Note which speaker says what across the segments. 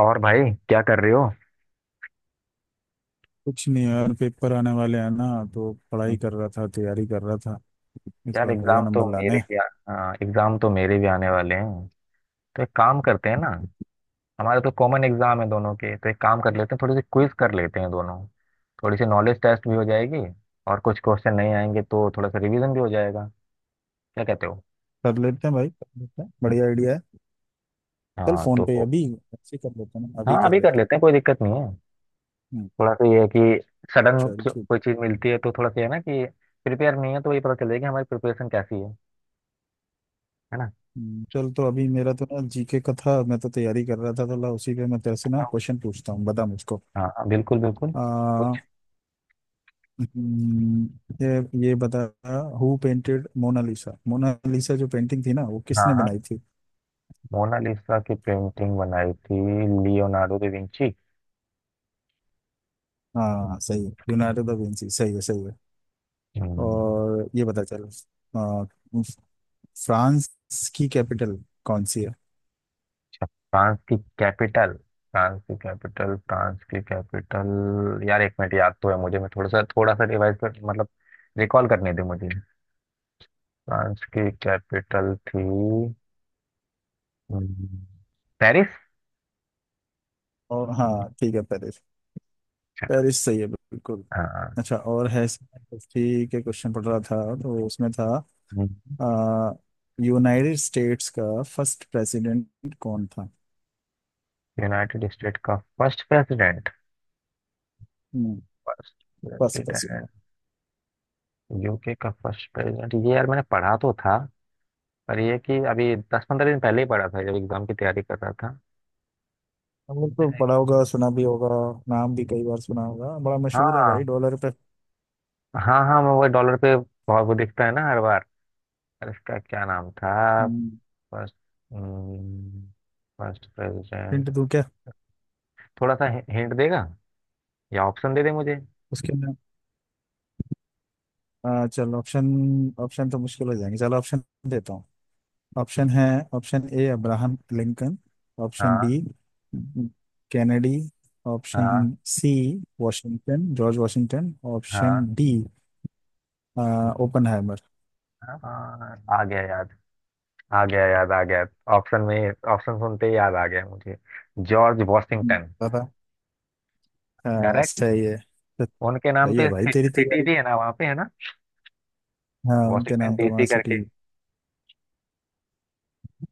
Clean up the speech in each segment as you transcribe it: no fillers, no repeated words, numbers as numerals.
Speaker 1: और भाई, क्या कर रहे हो?
Speaker 2: कुछ नहीं यार, पेपर आने वाले हैं ना। तो पढ़ाई कर रहा था, तैयारी कर रहा था। इस
Speaker 1: यार
Speaker 2: बार बढ़िया
Speaker 1: एग्जाम तो
Speaker 2: नंबर लाने
Speaker 1: मेरे
Speaker 2: हैं।
Speaker 1: भी एग्जाम तो मेरे भी आने वाले हैं। तो एक काम करते हैं ना। हमारे तो कॉमन एग्जाम है दोनों के, तो एक काम कर लेते हैं, थोड़ी सी क्विज कर लेते हैं दोनों। थोड़ी सी नॉलेज टेस्ट भी हो जाएगी, और कुछ क्वेश्चन नहीं आएंगे तो थोड़ा सा रिवीजन भी हो जाएगा। क्या कहते हो?
Speaker 2: कर लेते हैं भाई, कर लेते हैं, बढ़िया आइडिया है। चल
Speaker 1: हाँ
Speaker 2: फोन पे
Speaker 1: तो।
Speaker 2: अभी ऐसे ही कर लेते हैं ना, अभी
Speaker 1: हाँ,
Speaker 2: कर
Speaker 1: अभी कर
Speaker 2: लेते हैं।
Speaker 1: लेते हैं, कोई दिक्कत नहीं है।
Speaker 2: हम्म,
Speaker 1: थोड़ा सा ये है कि सडन
Speaker 2: चल ठीक।
Speaker 1: कोई चीज मिलती है तो थोड़ा सा ये है ना कि प्रिपेयर नहीं है, तो ये पता चलेगा कि हमारी प्रिपरेशन कैसी है। है ना?
Speaker 2: चल तो अभी मेरा तो ना जीके का था, मैं तो तैयारी कर रहा था तो ला उसी पे मैं तेरे से ना
Speaker 1: ऐसा हो-
Speaker 2: क्वेश्चन पूछता हूँ, बता मुझको।
Speaker 1: हाँ हाँ, बिल्कुल बिल्कुल।
Speaker 2: आ,
Speaker 1: कुछ।
Speaker 2: हम्म, ये बता। Who painted Mona Lisa? मोनालिसा जो पेंटिंग थी ना, वो किसने
Speaker 1: हाँ हाँ।
Speaker 2: बनाई थी?
Speaker 1: मोनालिसा की पेंटिंग बनाई थी, लियोनार्डो दा विंची।
Speaker 2: हाँ सही है, लियोनार्डो दा विंची सही है, सही है।
Speaker 1: हम्म।
Speaker 2: और ये पता चल। फ्रांस की कैपिटल कौन सी है?
Speaker 1: अच्छा, फ्रांस की कैपिटल, फ्रांस की कैपिटल, फ्रांस की कैपिटल, यार एक मिनट, याद तो है मुझे, मैं थोड़ा सा रिवाइज कर, मतलब रिकॉल करने दे मुझे। फ्रांस की कैपिटल थी हम्म, पेरिस।
Speaker 2: और हाँ ठीक है, पेरिस।
Speaker 1: अच्छा,
Speaker 2: पेरिस सही है बिल्कुल।
Speaker 1: हाँ।
Speaker 2: अच्छा, और है, हिस्ट्री के क्वेश्चन पढ़ रहा था तो उसमें था
Speaker 1: हम्म।
Speaker 2: अ, यूनाइटेड स्टेट्स का फर्स्ट प्रेसिडेंट कौन था?
Speaker 1: यूनाइटेड स्टेट का फर्स्ट प्रेसिडेंट,
Speaker 2: हम्म,
Speaker 1: first
Speaker 2: first president.
Speaker 1: President, UK का फर्स्ट प्रेसिडेंट, ये यार मैंने पढ़ा तो था, पर ये कि अभी 10-15 दिन पहले ही पढ़ा था जब एग्जाम की तैयारी कर रहा था।
Speaker 2: हमने तो
Speaker 1: है।
Speaker 2: पढ़ा होगा, सुना भी होगा। नाम भी कई बार सुना होगा, बड़ा मशहूर है भाई
Speaker 1: हाँ
Speaker 2: डॉलर पे।
Speaker 1: हाँ, हाँ मैं वो डॉलर पे भाव वो दिखता है ना हर बार। और इसका क्या नाम था?
Speaker 2: हम्म,
Speaker 1: फर्स्ट। हम्म, फर्स्ट प्रेसिडेंट।
Speaker 2: हिंट दूं क्या?
Speaker 1: थोड़ा सा। हिंट देगा? या ऑप्शन दे दे मुझे।
Speaker 2: उसके अंदर। चलो ऑप्शन। ऑप्शन तो मुश्किल हो जाएंगे, चलो ऑप्शन देता हूँ। ऑप्शन है। Option A Abraham Lincoln. Option
Speaker 1: हाँ।
Speaker 2: B Kennedy. ऑप्शन
Speaker 1: हाँ।
Speaker 2: C Washington, George Washington. Option
Speaker 1: हाँ।
Speaker 2: D Oppenheimer.
Speaker 1: हाँ, आ गया याद, आ गया याद आ गया। ऑप्शन में, ऑप्शन सुनते ही याद आ गया मुझे। George Washington.
Speaker 2: पता हाँ,
Speaker 1: करेक्ट।
Speaker 2: सही है। तो
Speaker 1: उनके नाम
Speaker 2: सही है
Speaker 1: पे
Speaker 2: भाई तेरी
Speaker 1: सिटी
Speaker 2: तैयारी।
Speaker 1: भी है ना, वहाँ पे, है ना?
Speaker 2: हाँ उनके
Speaker 1: वॉशिंगटन
Speaker 2: नाम पे वहाँ
Speaker 1: डीसी
Speaker 2: सिटी।
Speaker 1: करके।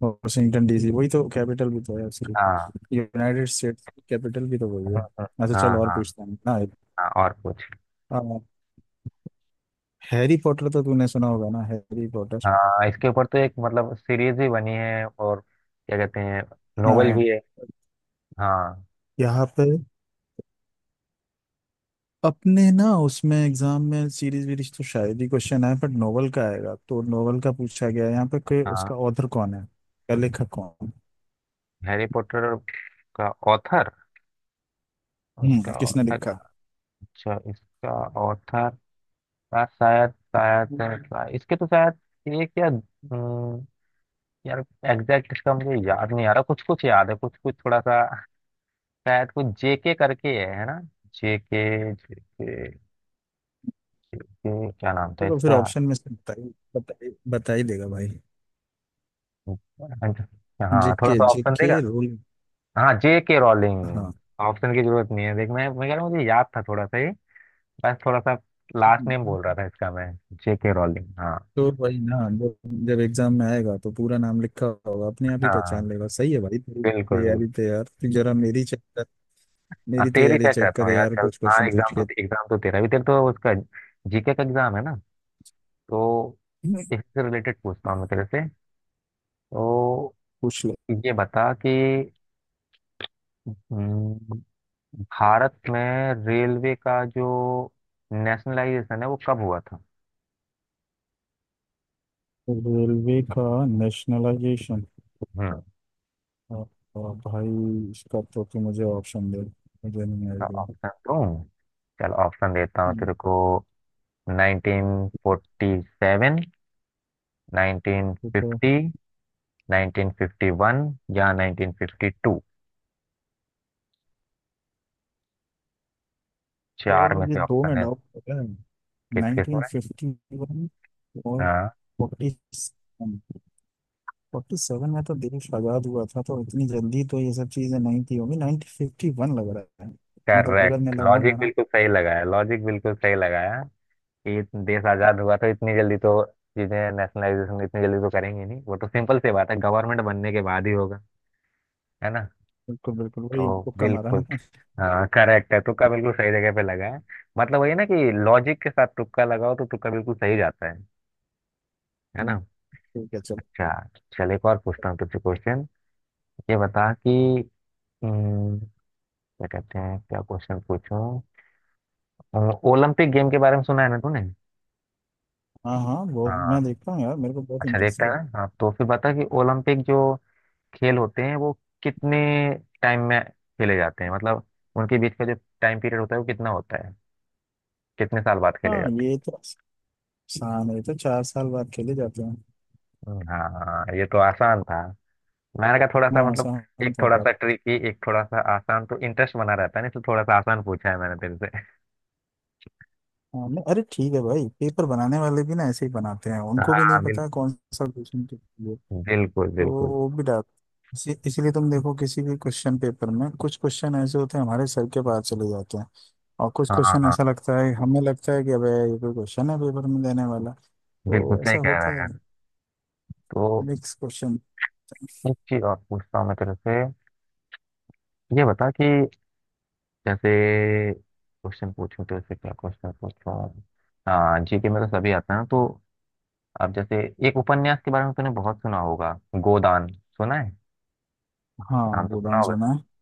Speaker 2: वॉशिंगटन डीसी वही तो कैपिटल भी तो है,
Speaker 1: हाँ
Speaker 2: सिर्फ यूनाइटेड स्टेट्स कैपिटल भी तो वही है।
Speaker 1: हाँ, हाँ
Speaker 2: अच्छा, चल
Speaker 1: हाँ
Speaker 2: और
Speaker 1: हाँ।
Speaker 2: पूछता हूँ ना।
Speaker 1: हाँ, और कुछ?
Speaker 2: हैरी पॉटर तो तूने सुना होगा ना, हैरी पॉटर।
Speaker 1: हाँ, इसके ऊपर तो एक मतलब सीरीज भी बनी है, और क्या कहते हैं, नोवेल
Speaker 2: हाँ
Speaker 1: भी है। हाँ।
Speaker 2: यहाँ पे अपने ना उसमें एग्जाम में सीरीज वीरीज तो शायद ही क्वेश्चन आए, बट नोवेल का आएगा। तो नोवेल का पूछा गया है यहाँ पे कि
Speaker 1: हाँ,
Speaker 2: उसका ऑथर कौन है या लेखक कौन।
Speaker 1: हैरी पॉटर का ऑथर, उसका
Speaker 2: हम्म, किसने
Speaker 1: ऑथर।
Speaker 2: लिखा?
Speaker 1: अच्छा, इसका ऑथर, यार शायद शायद शायद- इसके तो शायद, एक या यार, एग्जैक्ट इसका मुझे याद नहीं आ रहा, कुछ कुछ याद है, कुछ कुछ थोड़ा सा, शायद कुछ जेके करके है ना? जेके, जेके, जेके क्या नाम था
Speaker 2: तो फिर
Speaker 1: इसका?
Speaker 2: ऑप्शन में से बता ही, बता ही देगा भाई।
Speaker 1: हाँ, थोड़ा
Speaker 2: जेके,
Speaker 1: सा ऑप्शन
Speaker 2: जेके
Speaker 1: देगा।
Speaker 2: रोल।
Speaker 1: हाँ, जे के रॉलिंग।
Speaker 2: हाँ
Speaker 1: ऑप्शन की जरूरत नहीं है, देख, मैं कह रहा हूँ, मुझे याद था थोड़ा सा ही, बस थोड़ा सा लास्ट नेम बोल रहा था इसका मैं, जे के रॉलिंग। हाँ।
Speaker 2: तो वही ना, जब जब एग्जाम में आएगा तो पूरा नाम लिखा होगा, अपने आप ही पहचान
Speaker 1: हाँ,
Speaker 2: लेगा। सही है भाई तेरी
Speaker 1: बिल्कुल बिल्कुल।
Speaker 2: तैयारी, तो यार तू जरा मेरी चेक कर।
Speaker 1: हाँ,
Speaker 2: मेरी
Speaker 1: तेरी
Speaker 2: तैयारी
Speaker 1: चेक
Speaker 2: चेक
Speaker 1: करता
Speaker 2: कर
Speaker 1: हूँ यार,
Speaker 2: यार,
Speaker 1: चल।
Speaker 2: कुछ
Speaker 1: हाँ,
Speaker 2: क्वेश्चन पूछ
Speaker 1: एग्जाम तो
Speaker 2: के।
Speaker 1: एग्जाम तो तेरा भी, तेरे तो उसका जीके का एग्जाम है ना, तो इससे रिलेटेड पूछता हूँ मैं तेरे से। तो
Speaker 2: पूछ।
Speaker 1: ये बता कि हम्म, भारत में रेलवे का जो नेशनलाइजेशन है, वो कब हुआ था?
Speaker 2: रेलवे का नेशनलाइजेशन?
Speaker 1: हम्म,
Speaker 2: भाई इसका तो तू मुझे ऑप्शन दे, मुझे नहीं आइडिया।
Speaker 1: ऑप्शन दूं? चल ऑप्शन देता हूँ
Speaker 2: हम्म,
Speaker 1: तेरे को। 1947,
Speaker 2: तो
Speaker 1: 1950, 1951 या 1952।
Speaker 2: यार
Speaker 1: चार में
Speaker 2: मुझे
Speaker 1: से
Speaker 2: दो
Speaker 1: ऑप्शन
Speaker 2: में
Speaker 1: है।
Speaker 2: डाउट पता है।
Speaker 1: किस किस में?
Speaker 2: 1951 और
Speaker 1: हाँ
Speaker 2: 47। 47 में तो देश आजाद हुआ था, तो इतनी जल्दी तो ये सब चीजें नहीं थी होंगी। 1951 लग रहा है। मतलब अगर मैं
Speaker 1: करेक्ट,
Speaker 2: लगाऊंगा
Speaker 1: लॉजिक
Speaker 2: ना।
Speaker 1: बिल्कुल सही लगाया, लॉजिक बिल्कुल सही लगाया। कि देश आजाद हुआ तो इतनी जल्दी तो चीजें नेशनलाइजेशन इतनी जल्दी तो करेंगे नहीं, वो तो सिंपल सी बात है, गवर्नमेंट बनने के बाद ही होगा। है ना?
Speaker 2: बिल्कुल बिल्कुल, वही
Speaker 1: तो
Speaker 2: तुक्का मारा ना।
Speaker 1: बिल्कुल। हाँ करेक्ट है, तुक्का बिल्कुल सही जगह पे लगा है। मतलब वही है ना कि लॉजिक के साथ तुक्का लगाओ तो तुक्का बिल्कुल सही जाता है। है
Speaker 2: हम्म,
Speaker 1: ना?
Speaker 2: ठीक है चलो।
Speaker 1: अच्छा, चल एक और पूछता हूँ तुझसे क्वेश्चन। ये बता कि हम्म, क्या कहते हैं, क्या क्वेश्चन पूछूं? अ, ओलंपिक गेम के बारे में सुना है ना तूने?
Speaker 2: हाँ हाँ, वो
Speaker 1: हाँ।
Speaker 2: मैं देखता हूँ यार, मेरे को बहुत
Speaker 1: अच्छा,
Speaker 2: इंटरेस्ट
Speaker 1: देखता
Speaker 2: है।
Speaker 1: है ना, हाँ। तो फिर बता कि ओलंपिक जो खेल होते हैं, वो कितने टाइम में खेले जाते हैं, मतलब उनके बीच का जो टाइम पीरियड होता है, वो कितना होता है? कितने साल बाद खेले
Speaker 2: हाँ
Speaker 1: जाते हैं?
Speaker 2: ये तो शाम, ये तो चार साल बाद खेले जाते हैं।
Speaker 1: हाँ, ये तो आसान था। मैंने कहा, थोड़ा सा
Speaker 2: हाँ
Speaker 1: मतलब,
Speaker 2: शाम
Speaker 1: एक
Speaker 2: का
Speaker 1: थोड़ा सा
Speaker 2: कप।
Speaker 1: ट्रिकी, एक थोड़ा सा आसान, तो इंटरेस्ट बना रहता है ना, इसलिए थोड़ा सा आसान पूछा है मैंने तेरे से।
Speaker 2: हाँ, नहीं, अरे ठीक है भाई, पेपर बनाने वाले भी ना ऐसे ही बनाते हैं, उनको भी नहीं
Speaker 1: हाँ,
Speaker 2: पता कौन सा क्वेश्चन किसके लिए।
Speaker 1: बिल्कुल
Speaker 2: तो
Speaker 1: बिल्कुल।
Speaker 2: वो भी डाल। इसीलिए तुम देखो किसी भी क्वेश्चन पेपर में कुछ क्वेश्चन ऐसे होते हैं हमारे सर के बाहर चले जाते हैं। और कुछ
Speaker 1: हाँ
Speaker 2: क्वेश्चन
Speaker 1: हाँ,
Speaker 2: ऐसा लगता है, हमें लगता है कि अबे ये कोई क्वेश्चन है पेपर में देने वाला।
Speaker 1: बिल्कुल
Speaker 2: तो ऐसा
Speaker 1: सही कह रहा है
Speaker 2: होता है,
Speaker 1: यार। तो
Speaker 2: मिक्स क्वेश्चन।
Speaker 1: एक चीज और पूछता हूँ मैं तेरे से। ये बता कि, जैसे, क्वेश्चन पूछूं तेरे से, क्या क्वेश्चन पूछूं? हाँ, जीके में तो सभी आते हैं ना, तो अब जैसे, एक उपन्यास के बारे में तूने बहुत सुना होगा, गोदान सुना है? नाम
Speaker 2: हाँ
Speaker 1: तो सुना
Speaker 2: गोदान
Speaker 1: होगा।
Speaker 2: सुना है।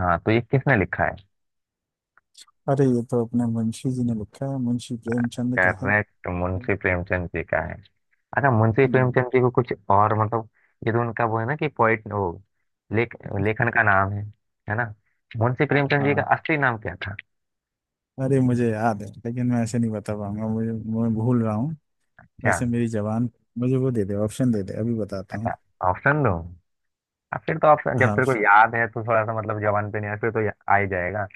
Speaker 1: हाँ, तो ये किसने लिखा है?
Speaker 2: अरे ये तो अपने मुंशी जी ने लिखा है, मुंशी प्रेमचंद का है।
Speaker 1: करेक्ट, मुंशी प्रेमचंद जी का है। अच्छा, मुंशी
Speaker 2: हम्म,
Speaker 1: प्रेमचंद जी को कुछ और मतलब, ये तो उनका वो है ना कि पोइट, वो लेख लेखन का नाम है ना? मुंशी
Speaker 2: हाँ
Speaker 1: प्रेमचंद जी का
Speaker 2: हाँ,
Speaker 1: असली नाम क्या था?
Speaker 2: अरे मुझे याद है लेकिन मैं ऐसे नहीं बता पाऊंगा, मुझे, मैं भूल रहा हूँ।
Speaker 1: क्या?
Speaker 2: वैसे मेरी जबान, मुझे वो दे दे, ऑप्शन दे दे, अभी बताता हूँ।
Speaker 1: अच्छा, ऑप्शन दो। अब फिर तो ऑप्शन, जब
Speaker 2: हाँ
Speaker 1: तेरे को
Speaker 2: option।
Speaker 1: याद है तो थोड़ा सा मतलब जवान पे नहीं आया, फिर तो आ ही जाएगा।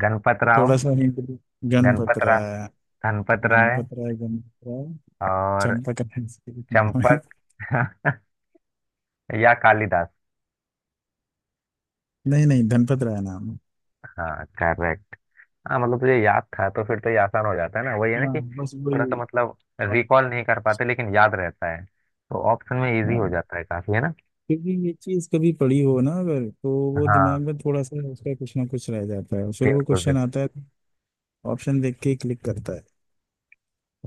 Speaker 1: गणपत
Speaker 2: थोड़ा
Speaker 1: राव,
Speaker 2: सा हिंट। गणपत
Speaker 1: गणपत रा
Speaker 2: राय,
Speaker 1: धनपत राय,
Speaker 2: गणपत राय, गणपत राय,
Speaker 1: और
Speaker 2: चंपक राय इसके नाम है।
Speaker 1: चंपक। या कालिदास?
Speaker 2: नहीं नहीं, धनपत राय नाम है।
Speaker 1: हाँ करेक्ट। हाँ मतलब तुझे याद था तो फिर तो ये आसान हो जाता है ना, वही है ना
Speaker 2: हाँ
Speaker 1: कि
Speaker 2: बस वही।
Speaker 1: थोड़ा सा मतलब रिकॉल नहीं कर पाते लेकिन याद रहता है तो ऑप्शन में इजी हो
Speaker 2: हाँ,
Speaker 1: जाता है काफी, है ना?
Speaker 2: क्योंकि ये चीज कभी पड़ी हो ना अगर, तो वो
Speaker 1: हाँ
Speaker 2: दिमाग में थोड़ा सा उसका कुछ ना कुछ रह जाता है, फिर वो
Speaker 1: बिल्कुल
Speaker 2: क्वेश्चन
Speaker 1: बिल्कुल
Speaker 2: आता है। ऑप्शन देख के क्लिक करता है।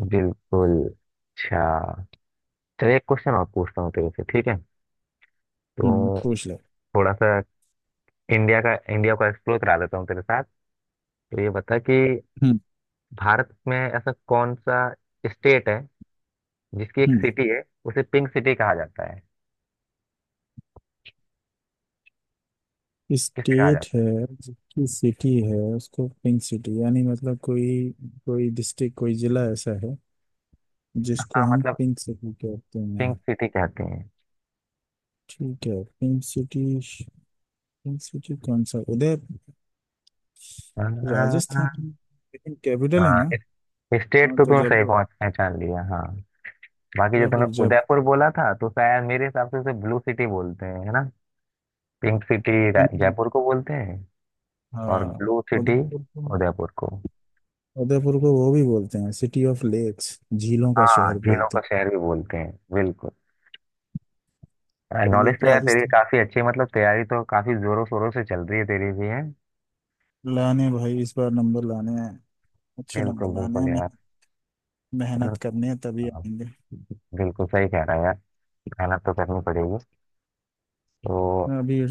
Speaker 1: बिल्कुल। अच्छा, चलिए एक क्वेश्चन और पूछता हूँ तेरे से, ठीक है?
Speaker 2: हम्म,
Speaker 1: तो
Speaker 2: पूछ ले।
Speaker 1: थोड़ा सा इंडिया का, इंडिया को एक्सप्लोर करा देता हूँ तेरे साथ। तो ये बता कि
Speaker 2: हम्म,
Speaker 1: भारत में ऐसा कौन सा स्टेट है जिसकी एक सिटी है, उसे पिंक सिटी कहा जाता है? किसे कहा
Speaker 2: स्टेट
Speaker 1: जाता
Speaker 2: है जिसकी सिटी है उसको पिंक सिटी, यानी मतलब कोई, कोई डिस्ट्रिक्ट कोई जिला ऐसा है
Speaker 1: है?
Speaker 2: जिसको
Speaker 1: हाँ
Speaker 2: हम
Speaker 1: मतलब
Speaker 2: पिंक सिटी कहते
Speaker 1: पिंक
Speaker 2: हैं।
Speaker 1: सिटी कहते हैं।
Speaker 2: ठीक है, पिंक सिटी। पिंक सिटी कौन सा, उदय, राजस्थान कैपिटल है
Speaker 1: आ,
Speaker 2: ना।
Speaker 1: स्टेट
Speaker 2: हाँ
Speaker 1: तो
Speaker 2: तो
Speaker 1: तुमने सही
Speaker 2: जयपुर हो।
Speaker 1: पहुंच पहचान लिया, हाँ। बाकी जो तुमने
Speaker 2: जयपुर जयपुर।
Speaker 1: उदयपुर बोला था, तो शायद मेरे हिसाब से उसे ब्लू सिटी बोलते हैं, है ना? पिंक सिटी जयपुर को बोलते हैं, और
Speaker 2: हाँ
Speaker 1: ब्लू सिटी
Speaker 2: उदयपुर को।
Speaker 1: उदयपुर को।
Speaker 2: उदयपुर को वो भी बोलते हैं, सिटी ऑफ लेक्स, झीलों का
Speaker 1: हाँ,
Speaker 2: शहर
Speaker 1: झीलों
Speaker 2: बोलते
Speaker 1: का
Speaker 2: हैं।
Speaker 1: शहर भी बोलते हैं, बिल्कुल।
Speaker 2: तो
Speaker 1: नॉलेज
Speaker 2: ये
Speaker 1: तो यार तेरी
Speaker 2: राजस्थान।
Speaker 1: काफी अच्छी है, मतलब तैयारी तो काफी जोरों शोरों से चल रही है तेरी भी, है
Speaker 2: लाने भाई, इस बार नंबर लाने हैं, अच्छे नंबर
Speaker 1: बिल्कुल
Speaker 2: लाने
Speaker 1: बिल्कुल
Speaker 2: हैं।
Speaker 1: यार। चलो,
Speaker 2: मेहनत करनी है तभी
Speaker 1: हाँ,
Speaker 2: आएंगे।
Speaker 1: बिल्कुल सही कह रहा है यार, मेहनत तो करनी पड़ेगी। तो
Speaker 2: मैं अभी,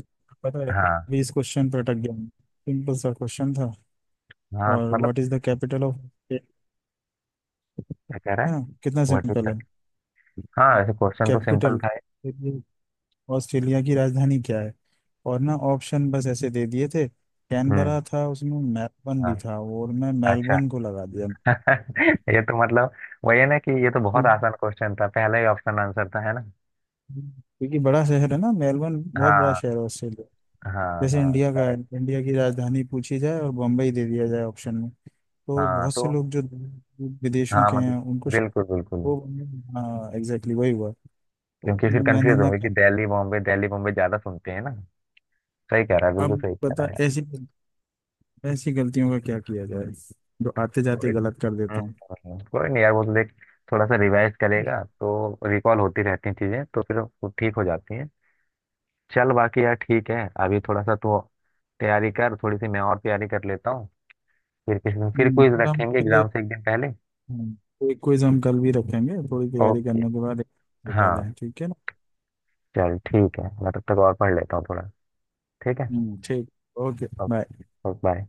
Speaker 2: पता है
Speaker 1: हाँ,
Speaker 2: अभी इस क्वेश्चन पर अटक गया हूँ। सिंपल सा क्वेश्चन था।
Speaker 1: हाँ
Speaker 2: और
Speaker 1: मतलब,
Speaker 2: what is the capital of है
Speaker 1: क्या कह रहा है,
Speaker 2: ना, कितना
Speaker 1: व्हाट इज
Speaker 2: सिंपल है।
Speaker 1: दैट? हाँ, ऐसे क्वेश्चन तो सिंपल
Speaker 2: कैपिटल,
Speaker 1: था ही।
Speaker 2: ऑस्ट्रेलिया की राजधानी क्या है? और ना ऑप्शन बस ऐसे दे दिए थे,
Speaker 1: हम्म।
Speaker 2: कैनबरा था उसमें, मेलबर्न
Speaker 1: हाँ।
Speaker 2: भी था, और मैं
Speaker 1: अच्छा।
Speaker 2: मेलबर्न को लगा दिया।
Speaker 1: ये तो मतलब वही है ना कि ये तो बहुत
Speaker 2: क्योंकि
Speaker 1: आसान क्वेश्चन था, पहला ही ऑप्शन आंसर था, है ना?
Speaker 2: क्योंकि बड़ा शहर है ना मेलबर्न, बहुत बड़ा
Speaker 1: हाँ
Speaker 2: शहर है ऑस्ट्रेलिया।
Speaker 1: हाँ,
Speaker 2: जैसे
Speaker 1: हाँ
Speaker 2: इंडिया का है,
Speaker 1: करेक्ट।
Speaker 2: इंडिया की राजधानी पूछी जाए और बम्बई दे दिया जाए ऑप्शन में, तो
Speaker 1: हाँ
Speaker 2: बहुत से
Speaker 1: तो।
Speaker 2: लोग जो विदेशों
Speaker 1: हाँ
Speaker 2: के हैं
Speaker 1: मतलब,
Speaker 2: उनको श-।
Speaker 1: बिल्कुल बिल्कुल।
Speaker 2: वो, हाँ एग्जैक्टली वही हुआ।
Speaker 1: क्योंकि फिर
Speaker 2: मैंने
Speaker 1: कंफ्यूज
Speaker 2: ना
Speaker 1: होंगे कि
Speaker 2: कहा,
Speaker 1: दिल्ली बॉम्बे, दिल्ली बॉम्बे ज्यादा सुनते हैं ना। सही कह रहा है, बिल्कुल
Speaker 2: अब
Speaker 1: सही कह रहा
Speaker 2: बता
Speaker 1: है यार।
Speaker 2: ऐसी ऐसी गलतियों का क्या किया जाए, जो आते जाते
Speaker 1: कोई
Speaker 2: गलत कर
Speaker 1: हम्म,
Speaker 2: देता हूँ।
Speaker 1: कोई नहीं यार, वो तो देख, थोड़ा सा रिवाइज करेगा तो रिकॉल होती रहती हैं चीजें तो फिर वो ठीक हो जाती हैं। चल बाकी यार ठीक है, अभी थोड़ा सा तो तैयारी कर, थोड़ी सी मैं और तैयारी कर लेता हूँ, फिर किसी दिन फिर क्विज
Speaker 2: फिर हम
Speaker 1: रखेंगे
Speaker 2: फिर
Speaker 1: एग्जाम
Speaker 2: एक।
Speaker 1: से एक दिन पहले।
Speaker 2: तो एक क्विज हम कल भी रखेंगे थोड़ी तैयारी
Speaker 1: ओके।
Speaker 2: करने के बाद। तो
Speaker 1: हाँ,
Speaker 2: पहले ठीक है ना।
Speaker 1: चल ठीक है, मैं तब तक और पढ़ लेता हूँ थोड़ा। ठीक है।
Speaker 2: ठीक। Okay bye.
Speaker 1: Okay, bye.